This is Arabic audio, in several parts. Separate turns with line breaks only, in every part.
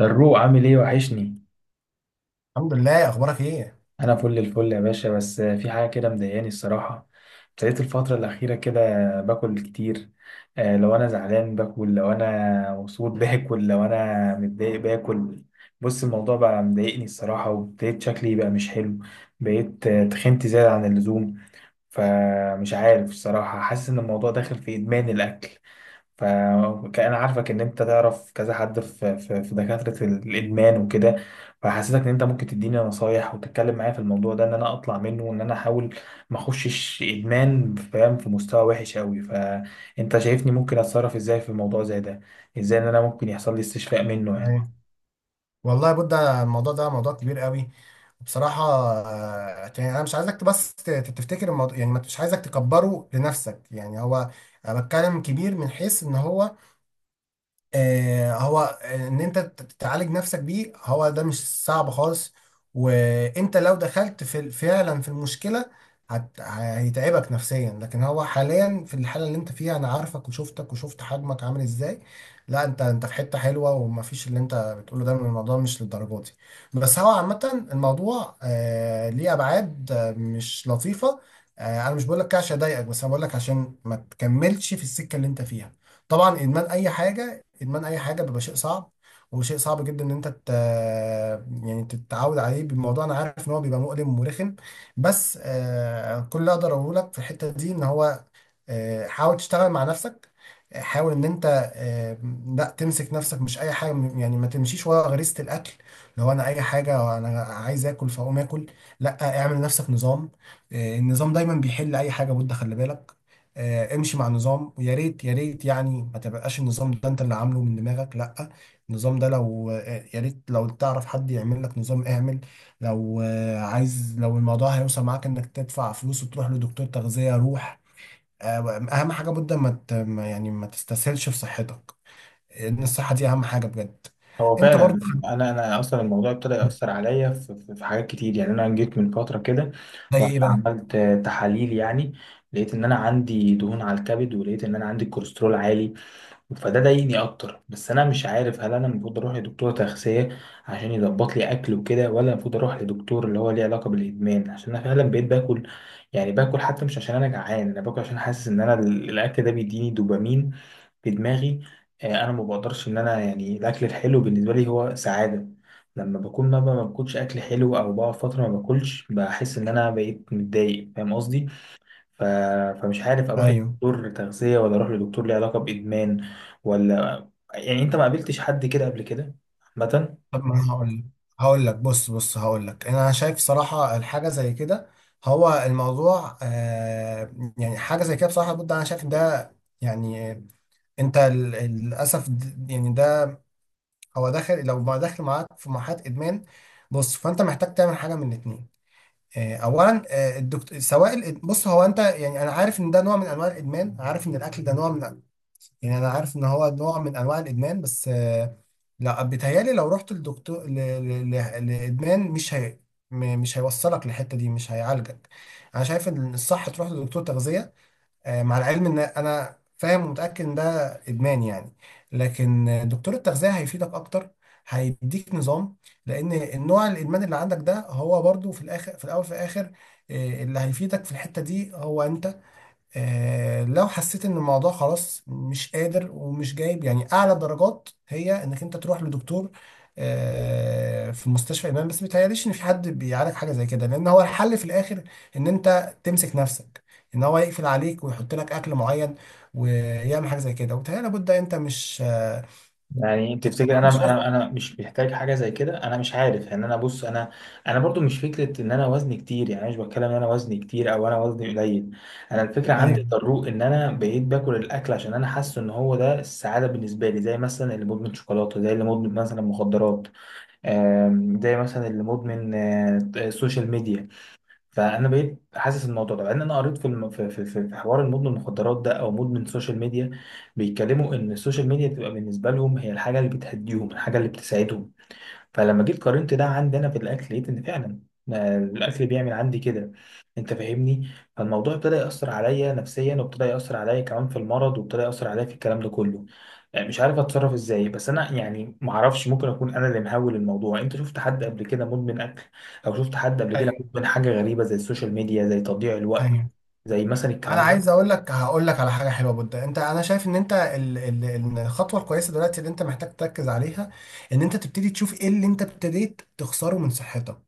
الروق عامل ايه؟ وحشني.
الحمد لله، اخبارك ايه؟
انا فل الفل يا باشا، بس في حاجه كده مضايقاني الصراحه. ابتديت الفتره الاخيره كده باكل كتير. لو انا زعلان باكل، لو انا مبسوط باكل، لو انا متضايق باكل. بص، الموضوع بقى مضايقني الصراحه، وابتديت شكلي بقى مش حلو. بقيت تخنت زياده عن اللزوم. فمش عارف الصراحة، حاسس إن الموضوع داخل في إدمان الأكل. فكأن عارفك إن أنت تعرف كذا حد في دكاترة الإدمان وكده. فحسيتك إن أنت ممكن تديني نصايح وتتكلم معايا في الموضوع ده، إن أنا أطلع منه وإن أنا أحاول ما أخشش إدمان، فاهم؟ في مستوى وحش أوي. فأنت شايفني ممكن أتصرف إزاي في الموضوع زي ده؟ إزاي إن أنا ممكن يحصل لي استشفاء منه يعني؟
أيوة. والله يا بودة، الموضوع ده موضوع كبير قوي، وبصراحة يعني انا مش عايزك بس تفتكر الموضوع، يعني مش عايزك تكبره لنفسك. يعني هو، أنا بتكلم كبير من حيث ان هو ان انت تعالج نفسك بيه، هو ده مش صعب خالص. وانت لو دخلت في فعلا في المشكلة، هيتعبك نفسيا، لكن هو حاليا في الحالة اللي انت فيها انا عارفك وشفتك وشفت حجمك عامل ازاي. لا انت في حتة حلوة، ومفيش اللي انت بتقوله ده من الموضوع مش للدرجة دي. بس هو عامة الموضوع ليه ابعاد مش لطيفة. آه، انا مش بقول لك كده عشان اضايقك، بس انا بقول لك عشان ما تكملش في السكة اللي انت فيها. طبعا ادمان اي حاجة، ادمان اي حاجه بيبقى شيء صعب، وشيء صعب جدا ان انت يعني تتعود عليه بالموضوع. انا عارف ان هو بيبقى مؤلم ومرخم، بس كل اللي اقدر اقوله لك في الحته دي ان هو حاول تشتغل مع نفسك. حاول ان انت لا تمسك نفسك. مش اي حاجه يعني ما تمشيش ورا غريزه الاكل. لو انا اي حاجه انا عايز اكل فاقوم اكل، لا اعمل لنفسك نظام. النظام دايما بيحل اي حاجه، بودة خلي بالك. امشي مع نظام، ويا ريت يا ريت يعني ما تبقاش النظام ده انت اللي عامله من دماغك، لا، النظام ده لو يا ريت لو تعرف حد يعمل لك نظام اعمل. لو عايز لو الموضوع هيوصل معاك انك تدفع فلوس وتروح لدكتور تغذية، روح. اهم حاجه بجد ما يعني ما تستسهلش في صحتك، لان الصحه دي اهم حاجه بجد.
هو
انت
فعلا
برضو.
انا اصلا الموضوع ابتدى ياثر عليا في حاجات كتير. يعني انا جيت من فتره كده،
زي
رحت
ايه بقى؟
عملت تحاليل يعني، لقيت ان انا عندي دهون على الكبد، ولقيت ان انا عندي كوليسترول عالي. فده ضايقني اكتر. بس انا مش عارف، هل انا المفروض اروح لدكتور تغذيه عشان يظبط لي اكل وكده، ولا المفروض اروح لدكتور اللي هو ليه علاقه بالادمان، عشان انا فعلا بقيت باكل؟ يعني باكل حتى مش عشان انا جعان، انا باكل عشان حاسس ان انا الاكل ده بيديني دوبامين في دماغي. انا ما بقدرش ان انا يعني الاكل الحلو بالنسبه لي هو سعاده. لما بكون ما باكلش اكل حلو، او بقعد فتره ما باكلش، بحس ان انا بقيت متضايق. فاهم قصدي؟ ف... فمش عارف اروح
ايوه.
لدكتور تغذيه، ولا اروح لدكتور ليه علاقه بادمان، ولا يعني، انت ما قابلتش حد كده قبل كده عامه؟
طب ما هقول لك، هقول لك بص بص، هقول لك انا شايف صراحه الحاجه زي كده. هو الموضوع يعني حاجه زي كده بصراحه، بجد انا شايف ده. يعني انت للاسف يعني ده هو داخل لو ما داخل معاك في مرحله ادمان. بص، فانت محتاج تعمل حاجه من الاتنين. اولا الدكتور سواء بص هو انت، يعني انا عارف ان ده نوع من انواع الادمان، عارف ان الاكل ده نوع من، يعني انا عارف ان هو نوع من انواع الادمان، بس لا بيتهيالي لو رحت للدكتور لادمان مش هي، مش هيوصلك للحته دي، مش هيعالجك. انا شايف ان الصح تروح لدكتور تغذيه. مع العلم ان انا فاهم ومتاكد ان ده ادمان يعني، لكن دكتور التغذيه هيفيدك اكتر. هيديك نظام، لان النوع الادمان اللي عندك ده هو برضو في الاخر، في الاول، في الاخر، اللي هيفيدك في الحته دي هو انت. لو حسيت ان الموضوع خلاص مش قادر ومش جايب، يعني اعلى درجات هي انك انت تروح لدكتور في مستشفى امام. بس متهيأليش ان في حد بيعالج حاجه زي كده، لان هو الحل في الاخر ان انت تمسك نفسك، ان هو يقفل عليك ويحط لك اكل معين ويعمل حاجه زي كده. وبالتالي لابد انت مش
يعني تفتكر انا
مش واثق.
انا مش محتاج حاجه زي كده؟ انا مش عارف يعني. انا بص، انا انا برضو مش فكره ان انا وزني كتير. يعني أنا مش بتكلم ان انا وزني كتير او انا وزني قليل. انا الفكره عندي
ايوه
تضرق ان انا بقيت باكل الاكل، عشان انا حاسس ان هو ده السعاده بالنسبه لي. زي مثلا اللي مدمن شوكولاته، زي اللي مدمن مثلا مخدرات. زي مثلا اللي مدمن سوشيال ميديا. فانا بقيت حاسس الموضوع ده، لان انا قريت في في في حوار المدمن المخدرات ده او مدمن السوشيال ميديا، بيتكلموا ان السوشيال ميديا بتبقى بالنسبه لهم هي الحاجه اللي بتهديهم، الحاجه اللي بتساعدهم. فلما جيت قارنت ده عندنا في الاكل، لقيت ان فعلا ما الاكل بيعمل عندي كده. انت فاهمني؟ فالموضوع ابتدى ياثر عليا نفسيا، وابتدى ياثر عليا كمان في المرض، وابتدى ياثر عليا في الكلام ده كله. يعني مش عارف اتصرف ازاي. بس انا يعني ما اعرفش، ممكن اكون انا اللي مهول الموضوع. انت شفت حد قبل كده مدمن اكل؟ او شفت حد قبل كده
ايوه
مدمن حاجه غريبه زي السوشيال ميديا، زي تضييع الوقت،
ايوه،
زي مثلا
انا
الكلام
عايز
ده؟
اقول لك، هقول لك على حاجه حلوه بودة. انت، انا شايف ان انت الخطوه الكويسه دلوقتي اللي انت محتاج تركز عليها ان انت تبتدي تشوف ايه اللي انت ابتديت تخسره من صحتك.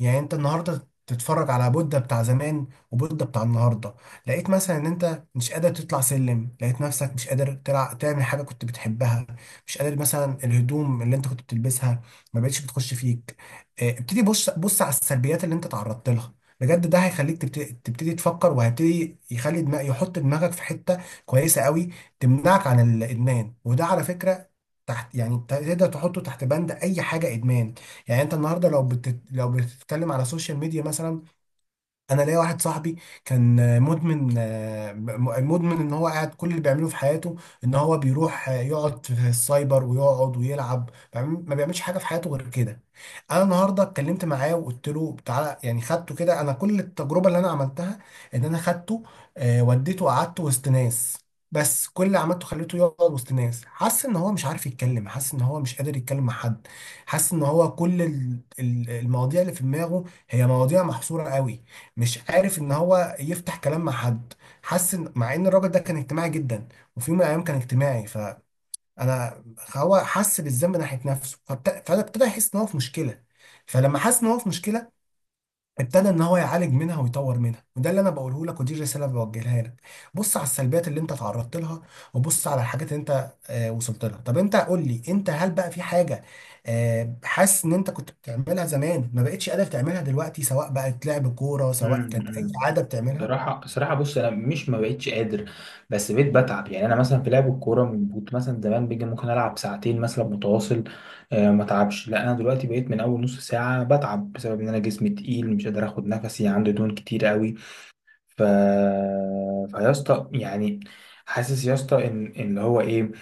يعني انت النهارده تتفرج على بودة بتاع زمان وبودة بتاع النهارده، لقيت مثلا ان انت مش قادر تطلع سلم، لقيت نفسك مش قادر تعمل حاجه كنت بتحبها، مش قادر مثلا الهدوم اللي انت كنت بتلبسها ما بقتش بتخش فيك. اه، ابتدي بص بص على السلبيات اللي انت تعرضت لها، بجد ده هيخليك تبتدي تفكر، وهيبتدي يخلي دماغ، يحط دماغك في حتة كويسة قوي تمنعك عن الإدمان. وده على فكرة تحت، يعني تقدر تحطه تحت بند أي حاجة إدمان. يعني أنت النهاردة لو لو بتتكلم على السوشيال ميديا مثلا، انا ليا واحد صاحبي كان مدمن مدمن ان هو قاعد كل اللي بيعمله في حياته ان هو بيروح يقعد في السايبر ويقعد ويلعب، ما بيعملش حاجه في حياته غير كده. انا النهارده اتكلمت معاه وقلت له تعالى، يعني خدته كده، انا كل التجربه اللي انا عملتها ان انا خدته وديته قعدته وسط ناس. بس كل اللي عملته خليته يقعد وسط ناس، حاسس ان هو مش عارف يتكلم، حاسس ان هو مش قادر يتكلم مع حد، حاسس ان هو كل المواضيع اللي في دماغه هي مواضيع محصوره قوي، مش عارف ان هو يفتح كلام مع حد. حس ان، مع ان الراجل ده كان اجتماعي جدا وفي يوم من الايام كان اجتماعي، فانا هو حس بالذنب ناحيه نفسه فابتدى يحس ان هو في مشكله. فلما حس ان هو في مشكله، ابتدى ان هو يعالج منها ويطور منها. وده اللي انا بقوله لك، ودي الرساله اللي بوجهها لك. بص على السلبيات اللي انت تعرضت لها، وبص على الحاجات اللي انت وصلت لها. طب انت قول لي انت، هل بقى في حاجه حاسس ان انت كنت بتعملها زمان ما بقتش قادر تعملها دلوقتي، سواء بقت لعب كوره، سواء كانت اي
امم،
عاده بتعملها؟
صراحة صراحة، بص، أنا مش ما بقتش قادر، بس بقيت بتعب. يعني أنا مثلا في لعب الكورة، من كنت مثلا زمان بيجي ممكن ألعب ساعتين مثلا متواصل آه ما تعبش. لا، أنا دلوقتي بقيت من أول نص ساعة بتعب، بسبب إن أنا جسمي تقيل، مش قادر آخد نفسي، عندي دهون كتير قوي. ف فيا اسطى يعني، حاسس يا اسطى إن، إن اللي هو إيه،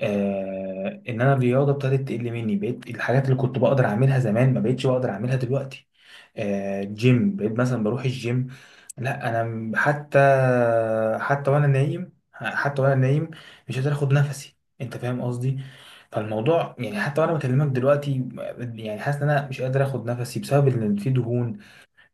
آه، إن أنا الرياضة ابتدت تقل مني. بقيت الحاجات اللي كنت بقدر أعملها زمان ما بقتش بقدر أعملها دلوقتي. جيم، بقيت مثلا بروح الجيم، لا انا حتى. حتى وانا نايم، حتى وانا نايم مش قادر اخد نفسي. انت فاهم قصدي؟ فالموضوع يعني حتى وانا بكلمك دلوقتي، يعني حاسس ان انا مش قادر اخد نفسي، بسبب ان في دهون،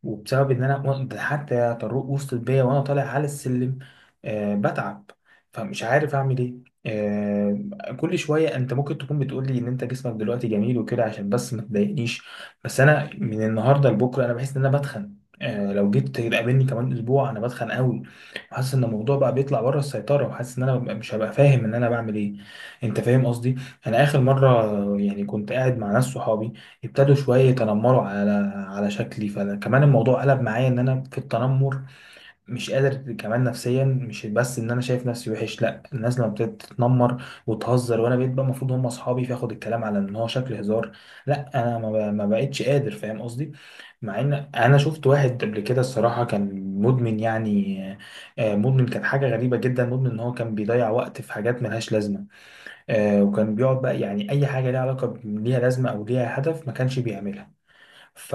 وبسبب ان انا ده حتى طرق وصلت بيا وانا طالع على السلم، آه بتعب. فمش عارف اعمل ايه. آه، كل شويه انت ممكن تكون بتقول لي ان انت جسمك دلوقتي جميل وكده عشان بس ما تضايقنيش، بس انا من النهارده لبكره انا بحس ان انا بتخن. آه، لو جيت تقابلني كمان اسبوع انا بتخن قوي. وحاسس ان الموضوع بقى بيطلع بره السيطره، وحاسس ان انا مش هبقى فاهم ان انا بعمل ايه. انت فاهم قصدي؟ انا اخر مره يعني كنت قاعد مع ناس صحابي، ابتدوا شوية يتنمروا على، على شكلي. فكمان الموضوع قلب معايا ان انا في التنمر. مش قادر كمان نفسيا، مش بس ان انا شايف نفسي وحش، لا، الناس لما ابتدت تتنمر وتهزر وانا بقيت بقى المفروض هم اصحابي، فاخد الكلام على ان هو شكل هزار، لا انا ما بقتش قادر. فاهم قصدي؟ مع ان انا شفت واحد قبل كده الصراحة، كان مدمن يعني. مدمن، كان حاجة غريبة جدا. مدمن ان هو كان بيضيع وقت في حاجات ملهاش لازمة. وكان بيقعد بقى يعني اي حاجة ليها علاقة ليها لازمة او ليها هدف ما كانش بيعملها. ف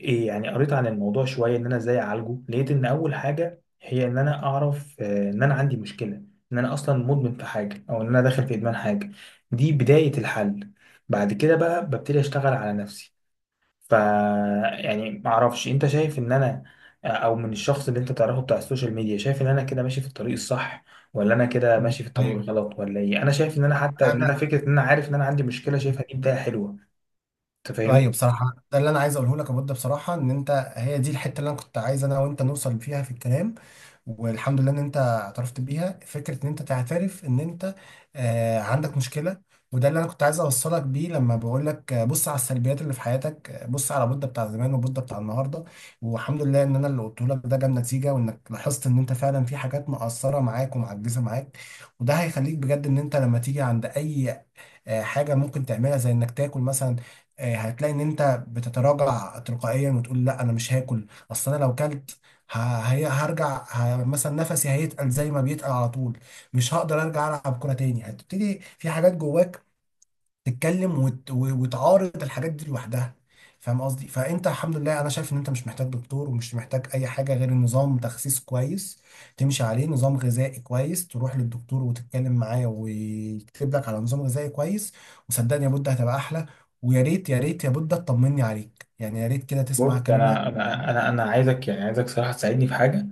إيه يعني، قريت عن الموضوع شويه ان انا ازاي اعالجه. لقيت ان اول حاجه هي ان انا اعرف ان انا عندي مشكله، ان انا اصلا مدمن في حاجه، او ان انا داخل في ادمان حاجه. دي بدايه الحل. بعد كده بقى ببتدي اشتغل على نفسي. ف يعني ما اعرفش، انت شايف ان انا او من الشخص اللي انت تعرفه بتاع السوشيال ميديا، شايف ان انا كده ماشي في الطريق الصح، ولا انا كده
مم.
ماشي في الطريق
ايوه.
الغلط، ولا ايه؟ انا شايف ان انا حتى، ان انا
انا
فكره ان انا عارف ان انا عندي مشكله شايفها، دي بدايه حلوه. انت فاهمني؟
ايوه بصراحه، ده اللي انا عايز اقوله لك يا بود. بصراحه ان انت هي دي الحته اللي انا كنت عايز انا وانت نوصل فيها في الكلام. والحمد لله ان انت اعترفت بيها، فكره ان انت تعترف ان انت عندك مشكله. وده اللي انا كنت عايز اوصلك بيه لما بقول لك بص على السلبيات اللي في حياتك، بص على بودة بتاع زمان وبودة بتاع النهارده. والحمد لله ان انا اللي قلته لك ده جاب نتيجه، وانك لاحظت ان انت فعلا في حاجات مقصره معاك ومعجزه معاك. وده هيخليك بجد ان انت لما تيجي عند اي حاجه ممكن تعملها زي انك تاكل مثلا، هتلاقي ان انت بتتراجع تلقائيا وتقول لا انا مش هاكل، اصل انا لو كلت هرجع مثلا نفسي هيتقل زي ما بيتقل على طول، مش هقدر ارجع العب كرة تاني. هتبتدي في حاجات جواك تتكلم وتعارض الحاجات دي لوحدها. فاهم قصدي؟ فانت الحمد لله انا شايف ان انت مش محتاج دكتور، ومش محتاج اي حاجه غير نظام تخسيس كويس تمشي عليه، نظام غذائي كويس تروح للدكتور وتتكلم معاه ويكتب لك على نظام غذائي كويس. وصدقني يا بود هتبقى احلى. ويا ريت يا ريت يا بود تطمني عليك، يعني يا ريت كده
بص
تسمع الكلام اللي انا
انا انا
بقوله.
انا انا عايزك، يعني عايزك صراحه تساعدني في حاجه.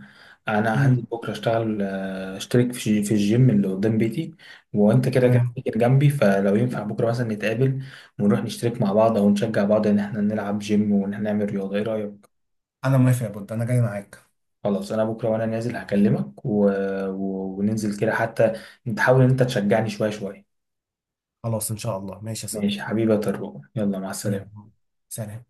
انا هنزل
امم.
بكره اشتغل، اشترك في الجيم اللي قدام بيتي، وانت كده كده
تمام.
كده جنبي، فلو ينفع بكره مثلا نتقابل ونروح نشترك مع بعض، او نشجع بعض ان احنا نلعب جيم، وان احنا نعمل رياضه. ايه رايك؟
انا موافق يا بود، انا جاي معاك.
خلاص، انا بكره وانا نازل هكلمك، وننزل كده حتى تحاول ان انت تشجعني شويه شويه.
خلاص ان شاء الله، ماشي يا
ماشي
صديقي.
حبيبي يا طارق، يلا مع السلامه.
يلا، سلام.